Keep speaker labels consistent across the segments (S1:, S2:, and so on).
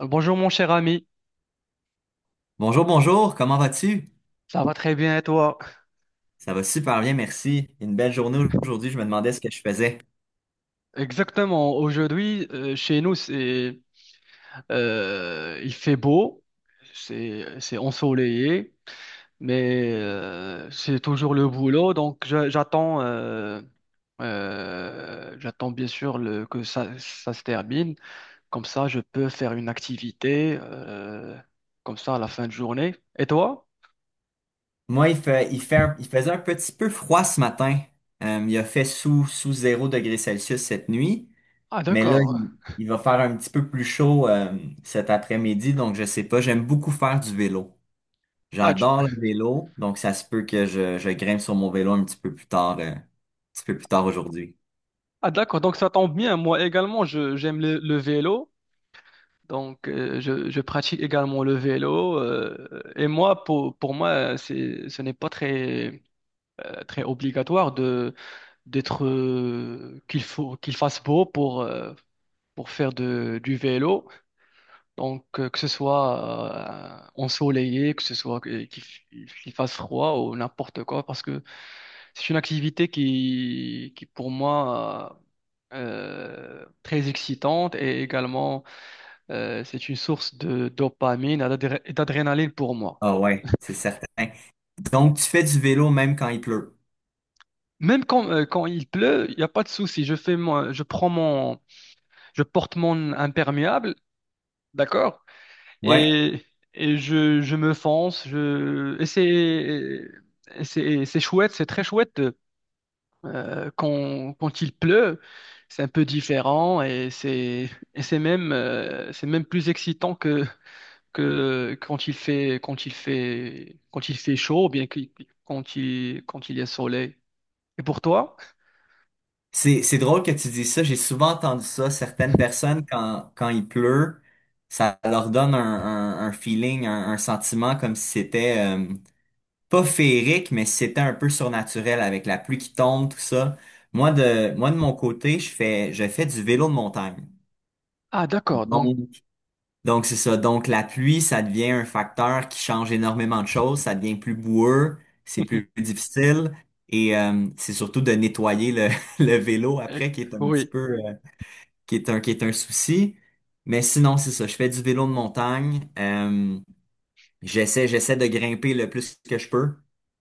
S1: Bonjour mon cher ami,
S2: Bonjour, bonjour, comment vas-tu?
S1: ça va très bien et toi?
S2: Ça va super bien, merci. Une belle journée aujourd'hui, je me demandais ce que je faisais.
S1: Exactement, aujourd'hui chez nous c'est il fait beau, c'est ensoleillé, mais c'est toujours le boulot donc j'attends j'attends bien sûr que ça se termine, comme ça je peux faire une activité comme ça à la fin de journée. Et toi?
S2: Moi, il fait, il faisait un petit peu froid ce matin. Il a fait sous zéro degré Celsius cette nuit,
S1: Ah,
S2: mais
S1: d'accord.
S2: il va faire un petit peu plus chaud cet après-midi, donc je sais pas, j'aime beaucoup faire du vélo.
S1: Ah, tu-
S2: J'adore le vélo, donc ça se peut que je grimpe sur mon vélo un petit peu plus tard, un petit peu plus tard aujourd'hui.
S1: ah, d'accord, donc ça tombe bien. Moi également, j'aime le vélo. Donc, je pratique également le vélo. Et moi, pour moi, c'est, ce n'est pas très, très obligatoire d'être, qu'il faut, qu'il fasse beau pour faire du vélo. Donc, que ce soit ensoleillé, que ce soit qu'il fasse froid ou n'importe quoi, parce que c'est une activité qui pour moi, très excitante et également c'est une source de dopamine et d'adrénaline pour moi.
S2: Ah ouais, c'est certain. Donc, tu fais du vélo même quand il pleut.
S1: Même quand, quand il pleut, il n'y a pas de souci. Je prends mon, je porte mon imperméable, d'accord?
S2: Ouais.
S1: Et, je me fonce. Et c'est chouette, c'est très chouette quand il pleut. C'est un peu différent et c'est même plus excitant que que quand il fait chaud ou quand il y a soleil. Et pour toi?
S2: C'est drôle que tu dis ça. J'ai souvent entendu ça. Certaines personnes, quand il pleut, ça leur donne un feeling, un sentiment comme si c'était pas féerique, mais si c'était un peu surnaturel avec la pluie qui tombe, tout ça. Moi, de mon côté, je fais du vélo de montagne.
S1: Ah, d'accord, donc
S2: Donc, donc c'est ça. Donc, la pluie, ça devient un facteur qui change énormément de choses. Ça devient plus boueux, c'est plus difficile. Et c'est surtout de nettoyer le, le vélo
S1: Euh,
S2: après qui est un petit
S1: oui,
S2: peu... qui est qui est un souci. Mais sinon, c'est ça. Je fais du vélo de montagne. J'essaie de grimper le plus que je peux.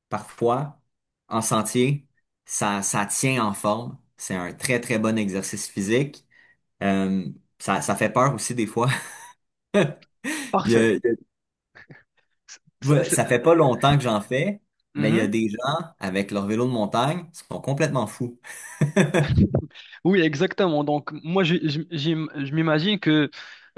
S2: Parfois, en sentier, ça tient en forme. C'est un très, très bon exercice physique. Euh, Ça fait peur aussi des fois. Il y a-
S1: parfait.
S2: il y
S1: Ça,
S2: ouais,
S1: c'est-
S2: ça fait pas longtemps que j'en fais, mais il y a
S1: Mhm.
S2: des gens avec leur vélo de montagne qui sont complètement fous
S1: Oui, exactement. Donc moi je m'imagine que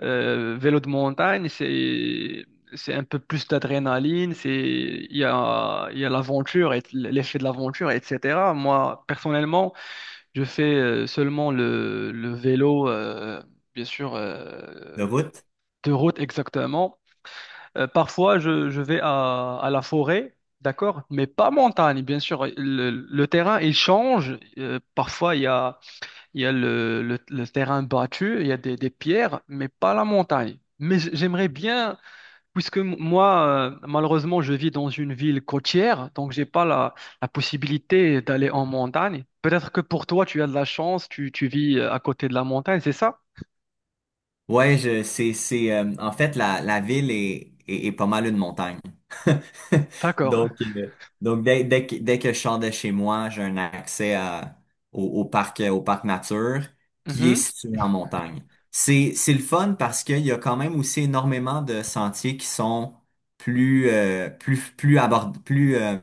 S1: vélo de montagne c'est un peu plus d'adrénaline, c'est il y a l'aventure et l'effet de l'aventure, etc. Moi personnellement je fais seulement le vélo, bien sûr, euh,
S2: de route.
S1: de route exactement. Je vais à la forêt, d'accord, mais pas montagne, bien sûr. Le terrain, il change. Parfois, il y a le terrain battu, il y a des pierres, mais pas la montagne. Mais j'aimerais bien. Puisque moi, malheureusement, je vis dans une ville côtière, donc j'ai pas la possibilité d'aller en montagne. Peut-être que pour toi, tu as de la chance, tu vis à côté de la montagne, c'est ça?
S2: C'est, en fait, la ville est pas mal une montagne.
S1: D'accord.
S2: Donc, euh, donc dès que je sors de chez moi, j'ai un accès à, au parc nature qui est
S1: Mhm.
S2: situé en montagne. C'est le fun parce qu'il y a quand même aussi énormément de sentiers qui sont plus abord, plus, euh,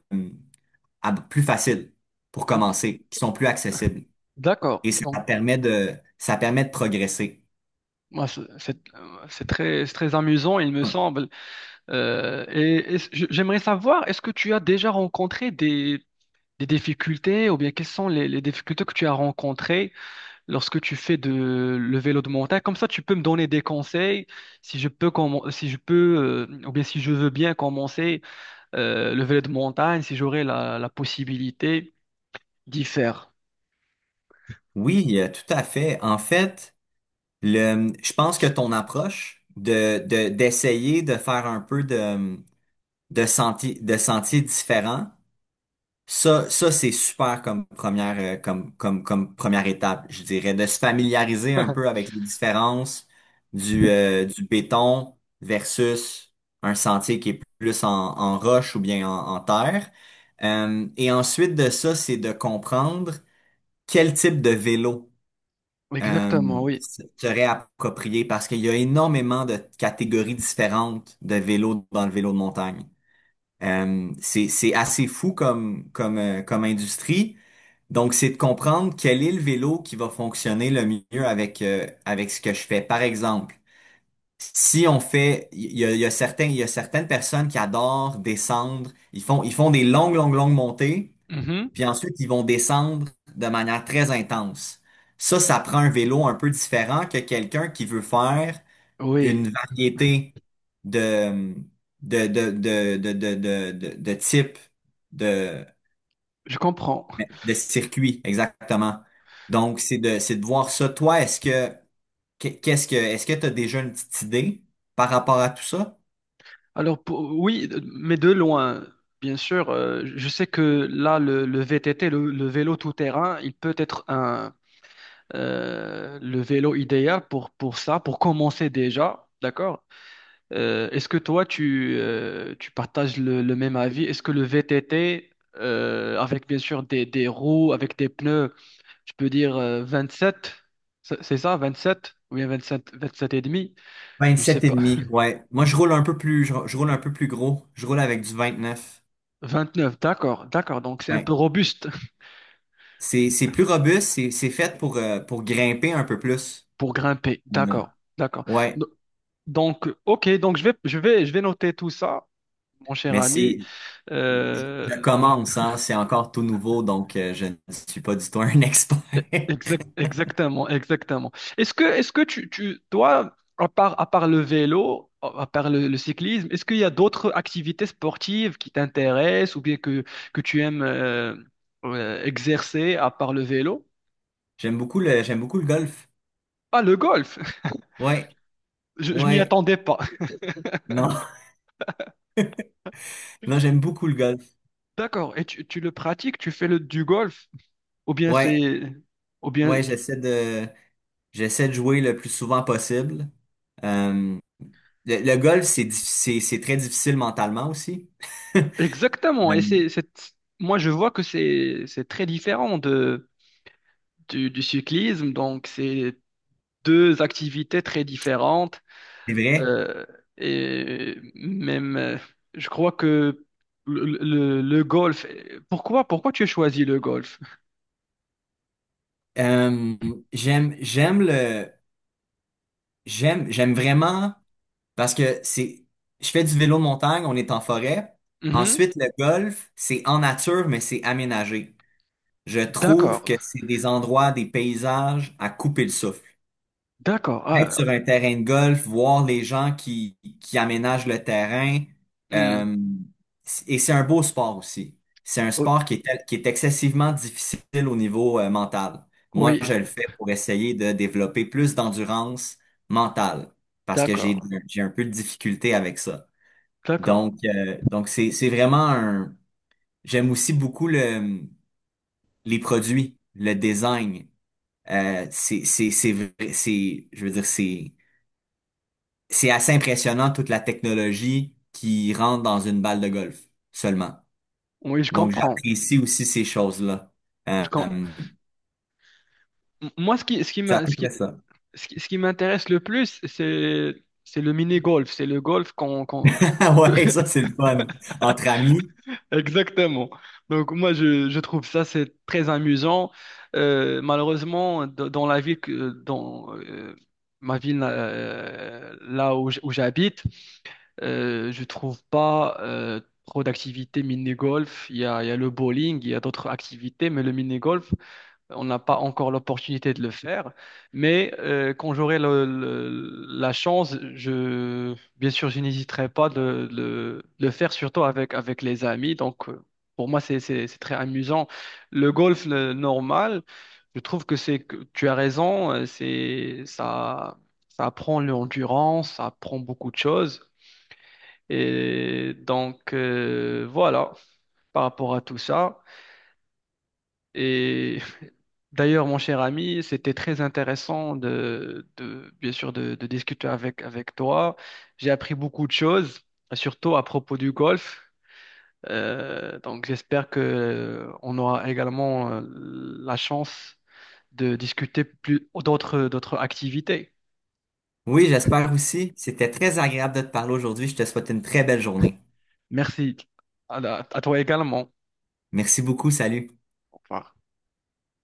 S2: ab- plus faciles pour
S1: Euh,
S2: commencer, qui sont plus accessibles.
S1: D'accord.
S2: Et
S1: Donc,
S2: ça permet de progresser.
S1: moi, c'est très amusant, il me semble. J'aimerais savoir, est-ce que tu as déjà rencontré des difficultés ou bien quelles sont les difficultés que tu as rencontrées lorsque tu fais le vélo de montagne. Comme ça, tu peux me donner des conseils si je peux, si je peux ou bien si je veux bien commencer le vélo de montagne, si j'aurai la possibilité d'y faire.
S2: Oui, tout à fait. En fait, je pense que ton approche d'essayer de faire un peu de sentiers différents, c'est super comme première, comme première étape, je dirais, de se familiariser un peu avec les différences du béton versus un sentier qui est plus en roche ou bien en terre. Et ensuite de ça, c'est de comprendre quel type de vélo
S1: Exactement,
S2: euh,
S1: oui.
S2: se réapproprier parce qu'il y a énormément de catégories différentes de vélos dans le vélo de montagne. C'est assez fou comme industrie. Donc, c'est de comprendre quel est le vélo qui va fonctionner le mieux avec ce que je fais. Par exemple, si on fait, il y a, il y a certaines personnes qui adorent descendre, ils font des longues, longues, longues montées
S1: Mhm.
S2: puis ensuite, ils vont descendre de manière très intense. Ça prend un vélo un peu différent que quelqu'un qui veut faire une
S1: Oui,
S2: variété de, de type de,
S1: je comprends.
S2: de circuit, exactement. Donc, c'est de voir ça. Toi, qu'est-ce que, est-ce que tu as déjà une petite idée par rapport à tout ça?
S1: Alors, oui, mais de loin, bien sûr. Je sais que là, le VTT, le vélo tout-terrain, il peut être le vélo idéal pour ça, pour commencer déjà, d'accord? Est-ce que toi, tu, tu partages le même avis? Est-ce que le VTT, avec bien sûr des roues, avec des pneus, je peux dire 27, c'est ça, 27? Ou bien 27, 27 et demi? Je sais
S2: 27 et
S1: pas.
S2: demi, ouais. Moi, je roule un peu plus gros. Je roule avec du 29.
S1: 29, d'accord, d'accord. Donc c'est un peu robuste
S2: C'est plus robuste, c'est fait pour grimper un peu plus.
S1: pour grimper.
S2: Euh,
S1: D'accord, d'accord.
S2: ouais,
S1: Do- ok, donc je vais noter tout ça, mon cher
S2: mais
S1: ami.
S2: c'est,
S1: Euh,
S2: je commence, hein, c'est encore tout nouveau, donc je ne suis pas du tout un expert.
S1: Exact- exactement, exactement. Est-ce que toi, à part le vélo, à part le cyclisme, est-ce qu'il y a d'autres activités sportives qui t'intéressent ou bien que tu aimes exercer à part le vélo?
S2: J'aime beaucoup le golf.
S1: Ah, le golf!
S2: Ouais,
S1: Je m'y
S2: ouais,
S1: attendais pas.
S2: non, non, j'aime beaucoup le golf.
S1: D'accord. Et tu le pratiques, tu fais du golf? Ou bien
S2: Ouais,
S1: c'est... Ou bien...
S2: ouais, j'essaie de jouer le plus souvent possible. Euh, le golf, c'est très difficile mentalement aussi.
S1: Exactement.
S2: Euh,
S1: Et c'est... Moi, je vois que c'est très différent du cyclisme. Donc, c'est deux activités très différentes.
S2: c'est vrai.
S1: euh, et même, euh, je crois que le golf. Pourquoi tu as choisi le golf?
S2: Euh, j'aime, j'aime le, j'aime vraiment parce que c'est, je fais du vélo de montagne, on est en forêt.
S1: Mhm.
S2: Ensuite, le golf, c'est en nature, mais c'est aménagé. Je trouve
S1: D'accord,
S2: que c'est des endroits, des paysages à couper le souffle
S1: d'accord.
S2: être sur
S1: Ah,
S2: un terrain de golf, voir les gens qui aménagent le terrain.
S1: hmm.
S2: Euh, et c'est un beau sport aussi. C'est un
S1: O-
S2: sport qui est excessivement difficile au niveau mental. Moi,
S1: Oui,
S2: je le fais pour essayer de développer plus d'endurance mentale parce que
S1: d'accord,
S2: j'ai un peu de difficulté avec ça.
S1: d'accord.
S2: Donc c'est vraiment un... J'aime aussi beaucoup les produits, le design. C'est, je veux dire, c'est assez impressionnant toute la technologie qui rentre dans une balle de golf seulement.
S1: Oui, je
S2: Donc,
S1: comprends.
S2: j'apprécie aussi ces choses-là. Euh,
S1: Je com-
S2: euh,
S1: Moi, ce qui
S2: c'est à
S1: m'a-
S2: peu
S1: ce qui,
S2: près ça.
S1: ce qui- ce qui m'intéresse le plus, c'est le mini-golf. C'est le golf que-
S2: Ouais, ça, c'est le fun. Entre amis.
S1: Exactement. Donc moi je trouve ça c'est très amusant. Malheureusement dans la ville que dans ma ville là où où j'habite, je trouve pas trop d'activités mini-golf. Il y a le bowling, il y a d'autres activités, mais le mini-golf on n'a pas encore l'opportunité de le faire, mais quand j'aurai la chance, je, bien sûr, je n'hésiterai pas de le faire, surtout avec les amis. Donc, pour moi, c'est très amusant. Le golf, le normal, je trouve que c'est, que tu as raison, ça apprend l'endurance, ça apprend beaucoup de choses. Et donc, voilà, par rapport à tout ça. Et d'ailleurs, mon cher ami, c'était très intéressant bien sûr, de discuter avec toi. J'ai appris beaucoup de choses, surtout à propos du golf. Donc, j'espère que on aura également la chance de discuter plus d'autres, d'autres activités.
S2: Oui, j'espère aussi. C'était très agréable de te parler aujourd'hui. Je te souhaite une très belle journée.
S1: Merci à toi également.
S2: Merci beaucoup. Salut.
S1: Au revoir.